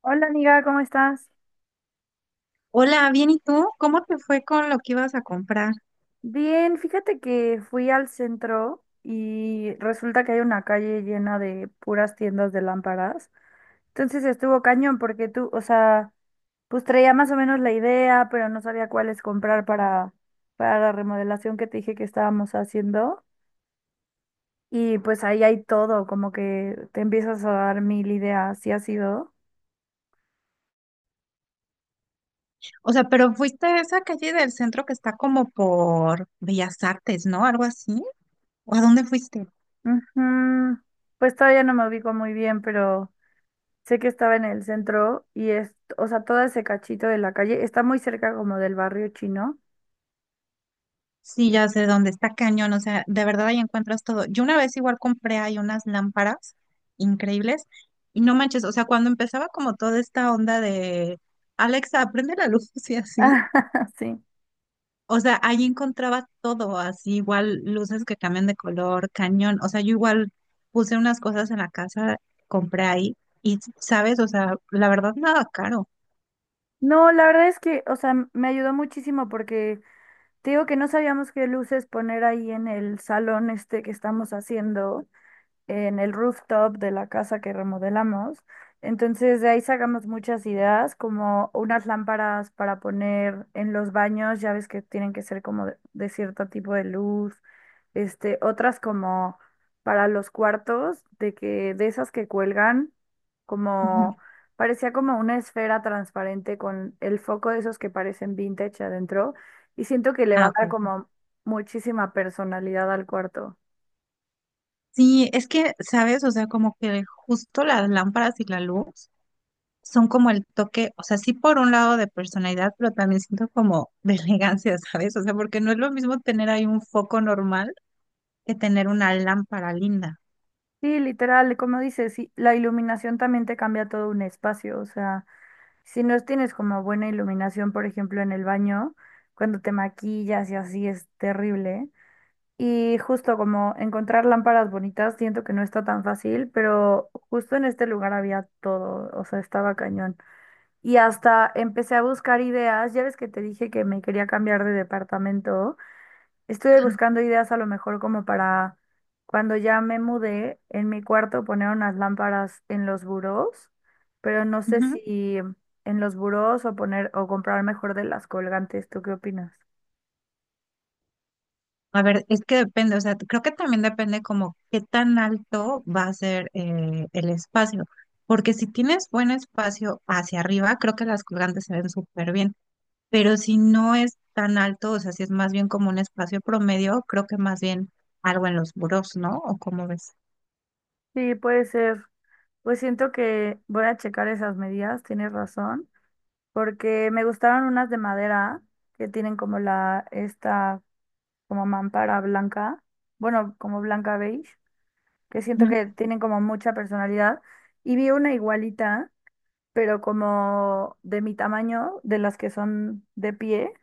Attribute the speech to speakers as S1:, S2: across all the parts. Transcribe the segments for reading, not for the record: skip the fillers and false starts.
S1: Hola amiga, ¿cómo estás?
S2: Hola, bien, ¿y tú? ¿Cómo te fue con lo que ibas a comprar?
S1: Bien, fíjate que fui al centro y resulta que hay una calle llena de puras tiendas de lámparas. Entonces estuvo cañón porque tú, o sea, pues traía más o menos la idea, pero no sabía cuáles comprar para la remodelación que te dije que estábamos haciendo. Y pues ahí hay todo, como que te empiezas a dar mil ideas, ¿sí ha sido?
S2: O sea, pero fuiste a esa calle del centro que está como por Bellas Artes, ¿no? Algo así. ¿O a dónde fuiste?
S1: Ujú. Pues todavía no me ubico muy bien, pero sé que estaba en el centro y es, o sea, todo ese cachito de la calle está muy cerca como del barrio chino.
S2: Sí,
S1: Y,
S2: ya sé dónde está cañón, o sea, de verdad ahí encuentras todo. Yo una vez igual compré ahí unas lámparas increíbles y no manches, o sea, cuando empezaba como toda esta onda de Alexa, prende la luz y así.
S1: ah, sí.
S2: O sea, ahí encontraba todo, así igual luces que cambian de color, cañón. O sea, yo igual puse unas cosas en la casa, compré ahí y, ¿sabes? O sea, la verdad, nada caro.
S1: No, la verdad es que, o sea, me ayudó muchísimo porque te digo que no sabíamos qué luces poner ahí en el salón este que estamos haciendo, en el rooftop de la casa que remodelamos. Entonces de ahí sacamos muchas ideas, como unas lámparas para poner en los baños, ya ves que tienen que ser como de cierto tipo de luz, este, otras como para los cuartos, de que de esas que cuelgan,
S2: Ujú.
S1: como parecía como una esfera transparente con el foco de esos que parecen vintage adentro, y siento que le va
S2: Ah,
S1: a dar
S2: ok.
S1: como muchísima personalidad al cuarto.
S2: Sí, es que, ¿sabes? O sea, como que justo las lámparas y la luz son como el toque, o sea, sí por un lado de personalidad, pero también siento como de elegancia, ¿sabes? O sea, porque no es lo mismo tener ahí un foco normal que tener una lámpara linda.
S1: Sí, literal, como dices, sí, la iluminación también te cambia todo un espacio, o sea, si no tienes como buena iluminación, por ejemplo, en el baño, cuando te maquillas y así es terrible. Y justo como encontrar lámparas bonitas, siento que no está tan fácil, pero justo en este lugar había todo, o sea, estaba cañón. Y hasta empecé a buscar ideas, ya ves que te dije que me quería cambiar de departamento. Estuve buscando ideas a lo mejor como para cuando ya me mudé, en mi cuarto poner unas lámparas en los burós, pero no sé si en los burós o poner o comprar mejor de las colgantes. ¿Tú qué opinas?
S2: A ver, es que depende, o sea, creo que también depende como qué tan alto va a ser el espacio, porque si tienes buen espacio hacia arriba, creo que las colgantes se ven súper bien, pero si no es tan alto, o sea, si es más bien como un espacio promedio, creo que más bien algo en los burós, ¿no? ¿O cómo ves?
S1: Sí, puede ser. Pues siento que voy a checar esas medidas, tienes razón, porque me gustaron unas de madera que tienen como la esta como mampara blanca, bueno, como blanca beige, que siento
S2: Ujú.
S1: que tienen como mucha personalidad. Y vi una igualita pero como de mi tamaño, de las que son de pie,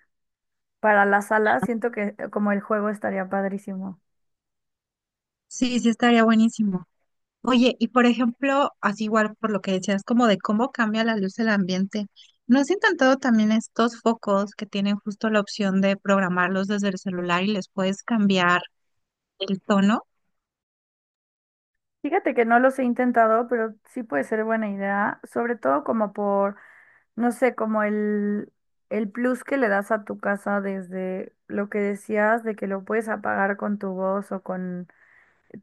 S1: para la sala, siento que como el juego estaría padrísimo.
S2: Sí, sí estaría buenísimo. Oye, y por ejemplo, así igual por lo que decías, como de cómo cambia la luz del ambiente, ¿no has intentado también estos focos que tienen justo la opción de programarlos desde el celular y les puedes cambiar el tono?
S1: Fíjate que no los he intentado, pero sí puede ser buena idea, sobre todo como por, no sé, como el plus que le das a tu casa desde lo que decías de que lo puedes apagar con tu voz o con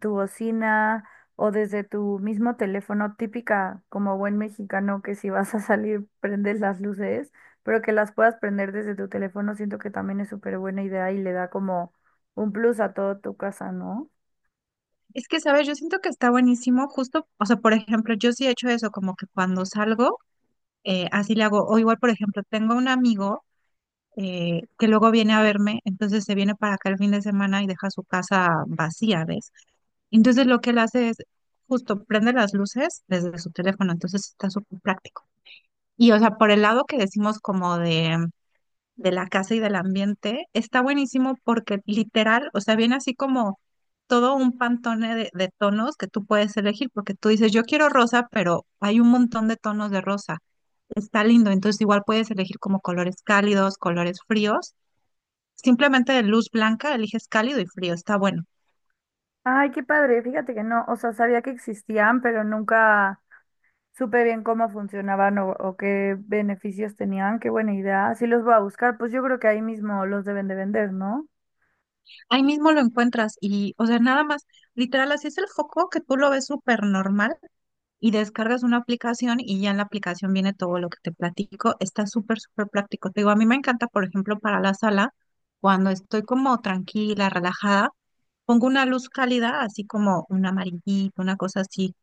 S1: tu bocina o desde tu mismo teléfono, típica como buen mexicano que si vas a salir prendes las luces, pero que las puedas prender desde tu teléfono, siento que también es súper buena idea y le da como un plus a toda tu casa, ¿no?
S2: Es que, sabes, yo siento que está buenísimo justo, o sea, por ejemplo, yo sí he hecho eso, como que cuando salgo, así le hago, o igual, por ejemplo, tengo un amigo que luego viene a verme, entonces se viene para acá el fin de semana y deja su casa vacía, ¿ves? Entonces lo que él hace es justo prende las luces desde su teléfono, entonces está súper práctico. Y o sea, por el lado que decimos como de la casa y del ambiente, está buenísimo porque literal, o sea, viene así como todo un pantone de tonos que tú puedes elegir, porque tú dices, yo quiero rosa, pero hay un montón de tonos de rosa. Está lindo, entonces igual puedes elegir como colores cálidos, colores fríos. Simplemente de luz blanca eliges cálido y frío, está bueno.
S1: Ay, qué padre, fíjate que no, o sea, sabía que existían, pero nunca supe bien cómo funcionaban o qué beneficios tenían, qué buena idea. Si los voy a buscar, pues yo creo que ahí mismo los deben de vender, ¿no?
S2: Ahí mismo lo encuentras y, o sea, nada más, literal, así es el foco que tú lo ves súper normal y descargas una aplicación y ya en la aplicación viene todo lo que te platico. Está súper, súper práctico. Te digo, a mí me encanta, por ejemplo, para la sala, cuando estoy como tranquila, relajada, pongo una luz cálida, así como un amarillito, una cosa así,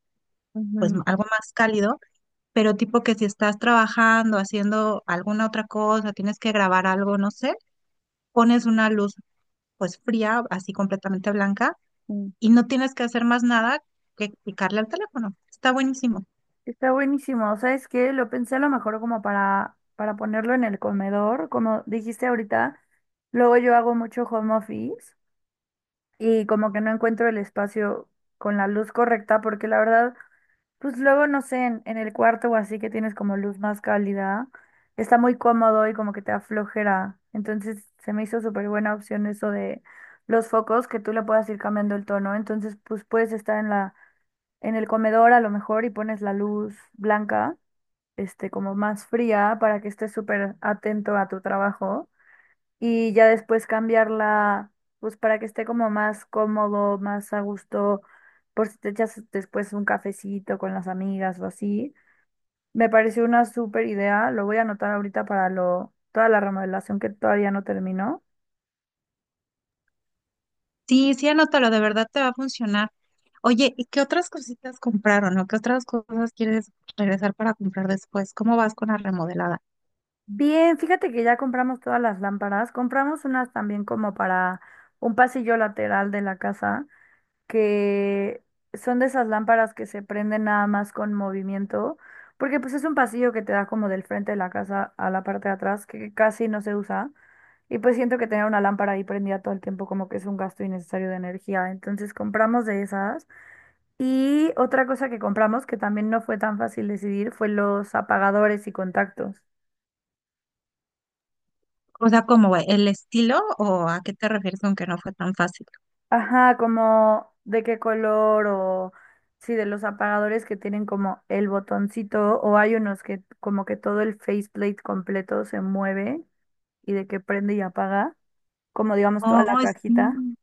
S2: pues
S1: Ujú,
S2: algo más cálido, pero tipo que si estás trabajando, haciendo alguna otra cosa, tienes que grabar algo, no sé, pones una luz pues fría, así completamente blanca
S1: sí.
S2: y no tienes que hacer más nada que picarle al teléfono. Está buenísimo.
S1: Está buenísimo. ¿Sabes qué? Lo pensé a lo mejor como para ponerlo en el comedor. Como dijiste ahorita, luego yo hago mucho home office y como que no encuentro el espacio con la luz correcta porque la verdad, pues luego no sé, en el cuarto o así que tienes como luz más cálida, está muy cómodo y como que te aflojera. Entonces se me hizo súper buena opción eso de los focos que tú le puedas ir cambiando el tono. Entonces pues puedes estar en la, en el comedor a lo mejor y pones la luz blanca este, como más fría para que estés súper atento a tu trabajo y ya después cambiarla, pues para que esté como más cómodo, más a gusto, por si te echas después un cafecito con las amigas o así. Me pareció una súper idea, lo voy a anotar ahorita para lo, toda la remodelación que todavía no terminó.
S2: Sí, sí, anótalo, de verdad te va a funcionar. Oye, ¿y qué otras cositas compraron o qué otras cosas quieres regresar para comprar después? ¿Cómo vas con la remodelada?
S1: Bien, fíjate que ya compramos todas las lámparas, compramos unas también como para un pasillo lateral de la casa, que son de esas lámparas que se prenden nada más con movimiento, porque pues es un pasillo que te da como del frente de la casa a la parte de atrás, que casi no se usa, y pues siento que tener una lámpara ahí prendida todo el tiempo como que es un gasto innecesario de energía, entonces compramos de esas. Y otra cosa que compramos que también no fue tan fácil decidir fue los apagadores y contactos.
S2: O sea, ¿cómo el estilo o a qué te refieres con que no fue tan fácil?
S1: Ajá, como de qué color o sí, de los apagadores que tienen como el botoncito o hay unos que como que todo el faceplate completo se mueve y de que prende y apaga, como digamos toda la
S2: Oh,
S1: cajita.
S2: sí.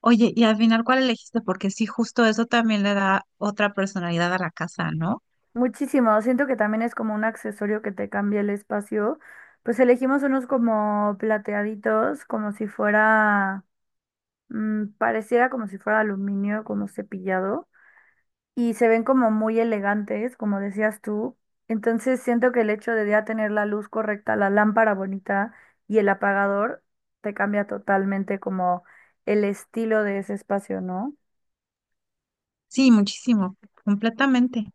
S2: Oye, y al final, ¿cuál elegiste? Porque sí, justo eso también le da otra personalidad a la casa, ¿no?
S1: Muchísimo, siento que también es como un accesorio que te cambia el espacio. Pues elegimos unos como plateaditos, como si fuera, pareciera como si fuera aluminio, como cepillado, y se ven como muy elegantes, como decías tú. Entonces siento que el hecho de ya tener la luz correcta, la lámpara bonita y el apagador te cambia totalmente como el estilo de ese espacio, ¿no?
S2: Sí, muchísimo, completamente.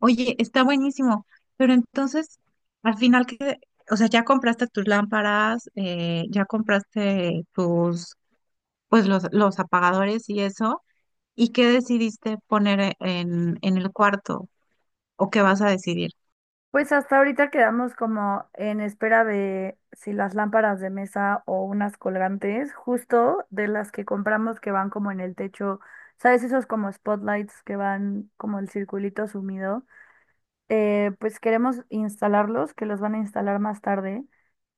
S2: Oye, está buenísimo, pero entonces, al final que, o sea, ya compraste tus lámparas, ya compraste tus, pues los apagadores y eso, ¿y qué decidiste poner en el cuarto? ¿O qué vas a decidir?
S1: Pues hasta ahorita quedamos como en espera de si las lámparas de mesa o unas colgantes, justo de las que compramos que van como en el techo, ¿sabes? Esos como spotlights que van como el circulito sumido. Pues queremos instalarlos, que los van a instalar más tarde,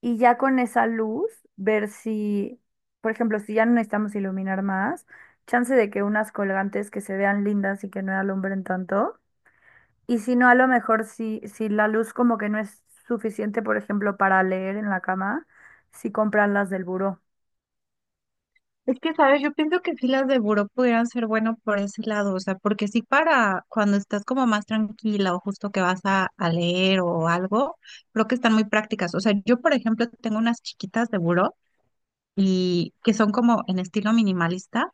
S1: y ya con esa luz, ver si, por ejemplo, si ya no necesitamos iluminar más, chance de que unas colgantes que se vean lindas y que no alumbren tanto, y si no, a lo mejor si, si la luz como que no es suficiente, por ejemplo, para leer en la cama, si compran las del buró.
S2: Es que, ¿sabes? Yo pienso que sí las de buró pudieran ser bueno por ese lado, o sea, porque sí para cuando estás como más tranquila o justo que vas a leer o algo, creo que están muy prácticas. O sea, yo, por ejemplo, tengo unas chiquitas de buró y que son como en estilo minimalista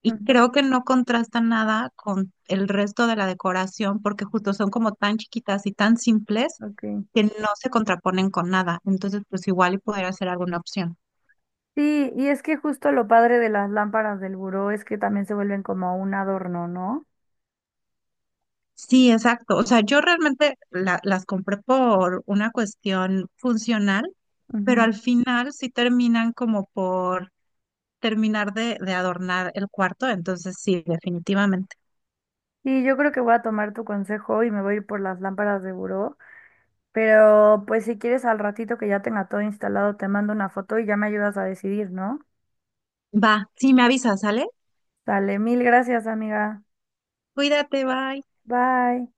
S2: y
S1: Ujú,
S2: creo que no contrastan nada con el resto de la decoración porque justo son como tan chiquitas y tan simples
S1: ok.
S2: que no se contraponen con nada. Entonces, pues igual y pudiera ser alguna opción.
S1: Sí, y es que justo lo padre de las lámparas del buró es que también se vuelven como un adorno, ¿no?
S2: Sí, exacto. O sea, yo realmente las compré por una cuestión funcional, pero
S1: Ujú.
S2: al final sí terminan como por terminar de adornar el cuarto. Entonces, sí, definitivamente.
S1: Y yo creo que voy a tomar tu consejo y me voy a ir por las lámparas de buró. Pero pues si quieres al ratito que ya tenga todo instalado, te mando una foto y ya me ayudas a decidir, ¿no?
S2: Va, sí, me avisas, ¿sale?
S1: Dale, mil gracias, amiga.
S2: Cuídate, bye.
S1: Bye.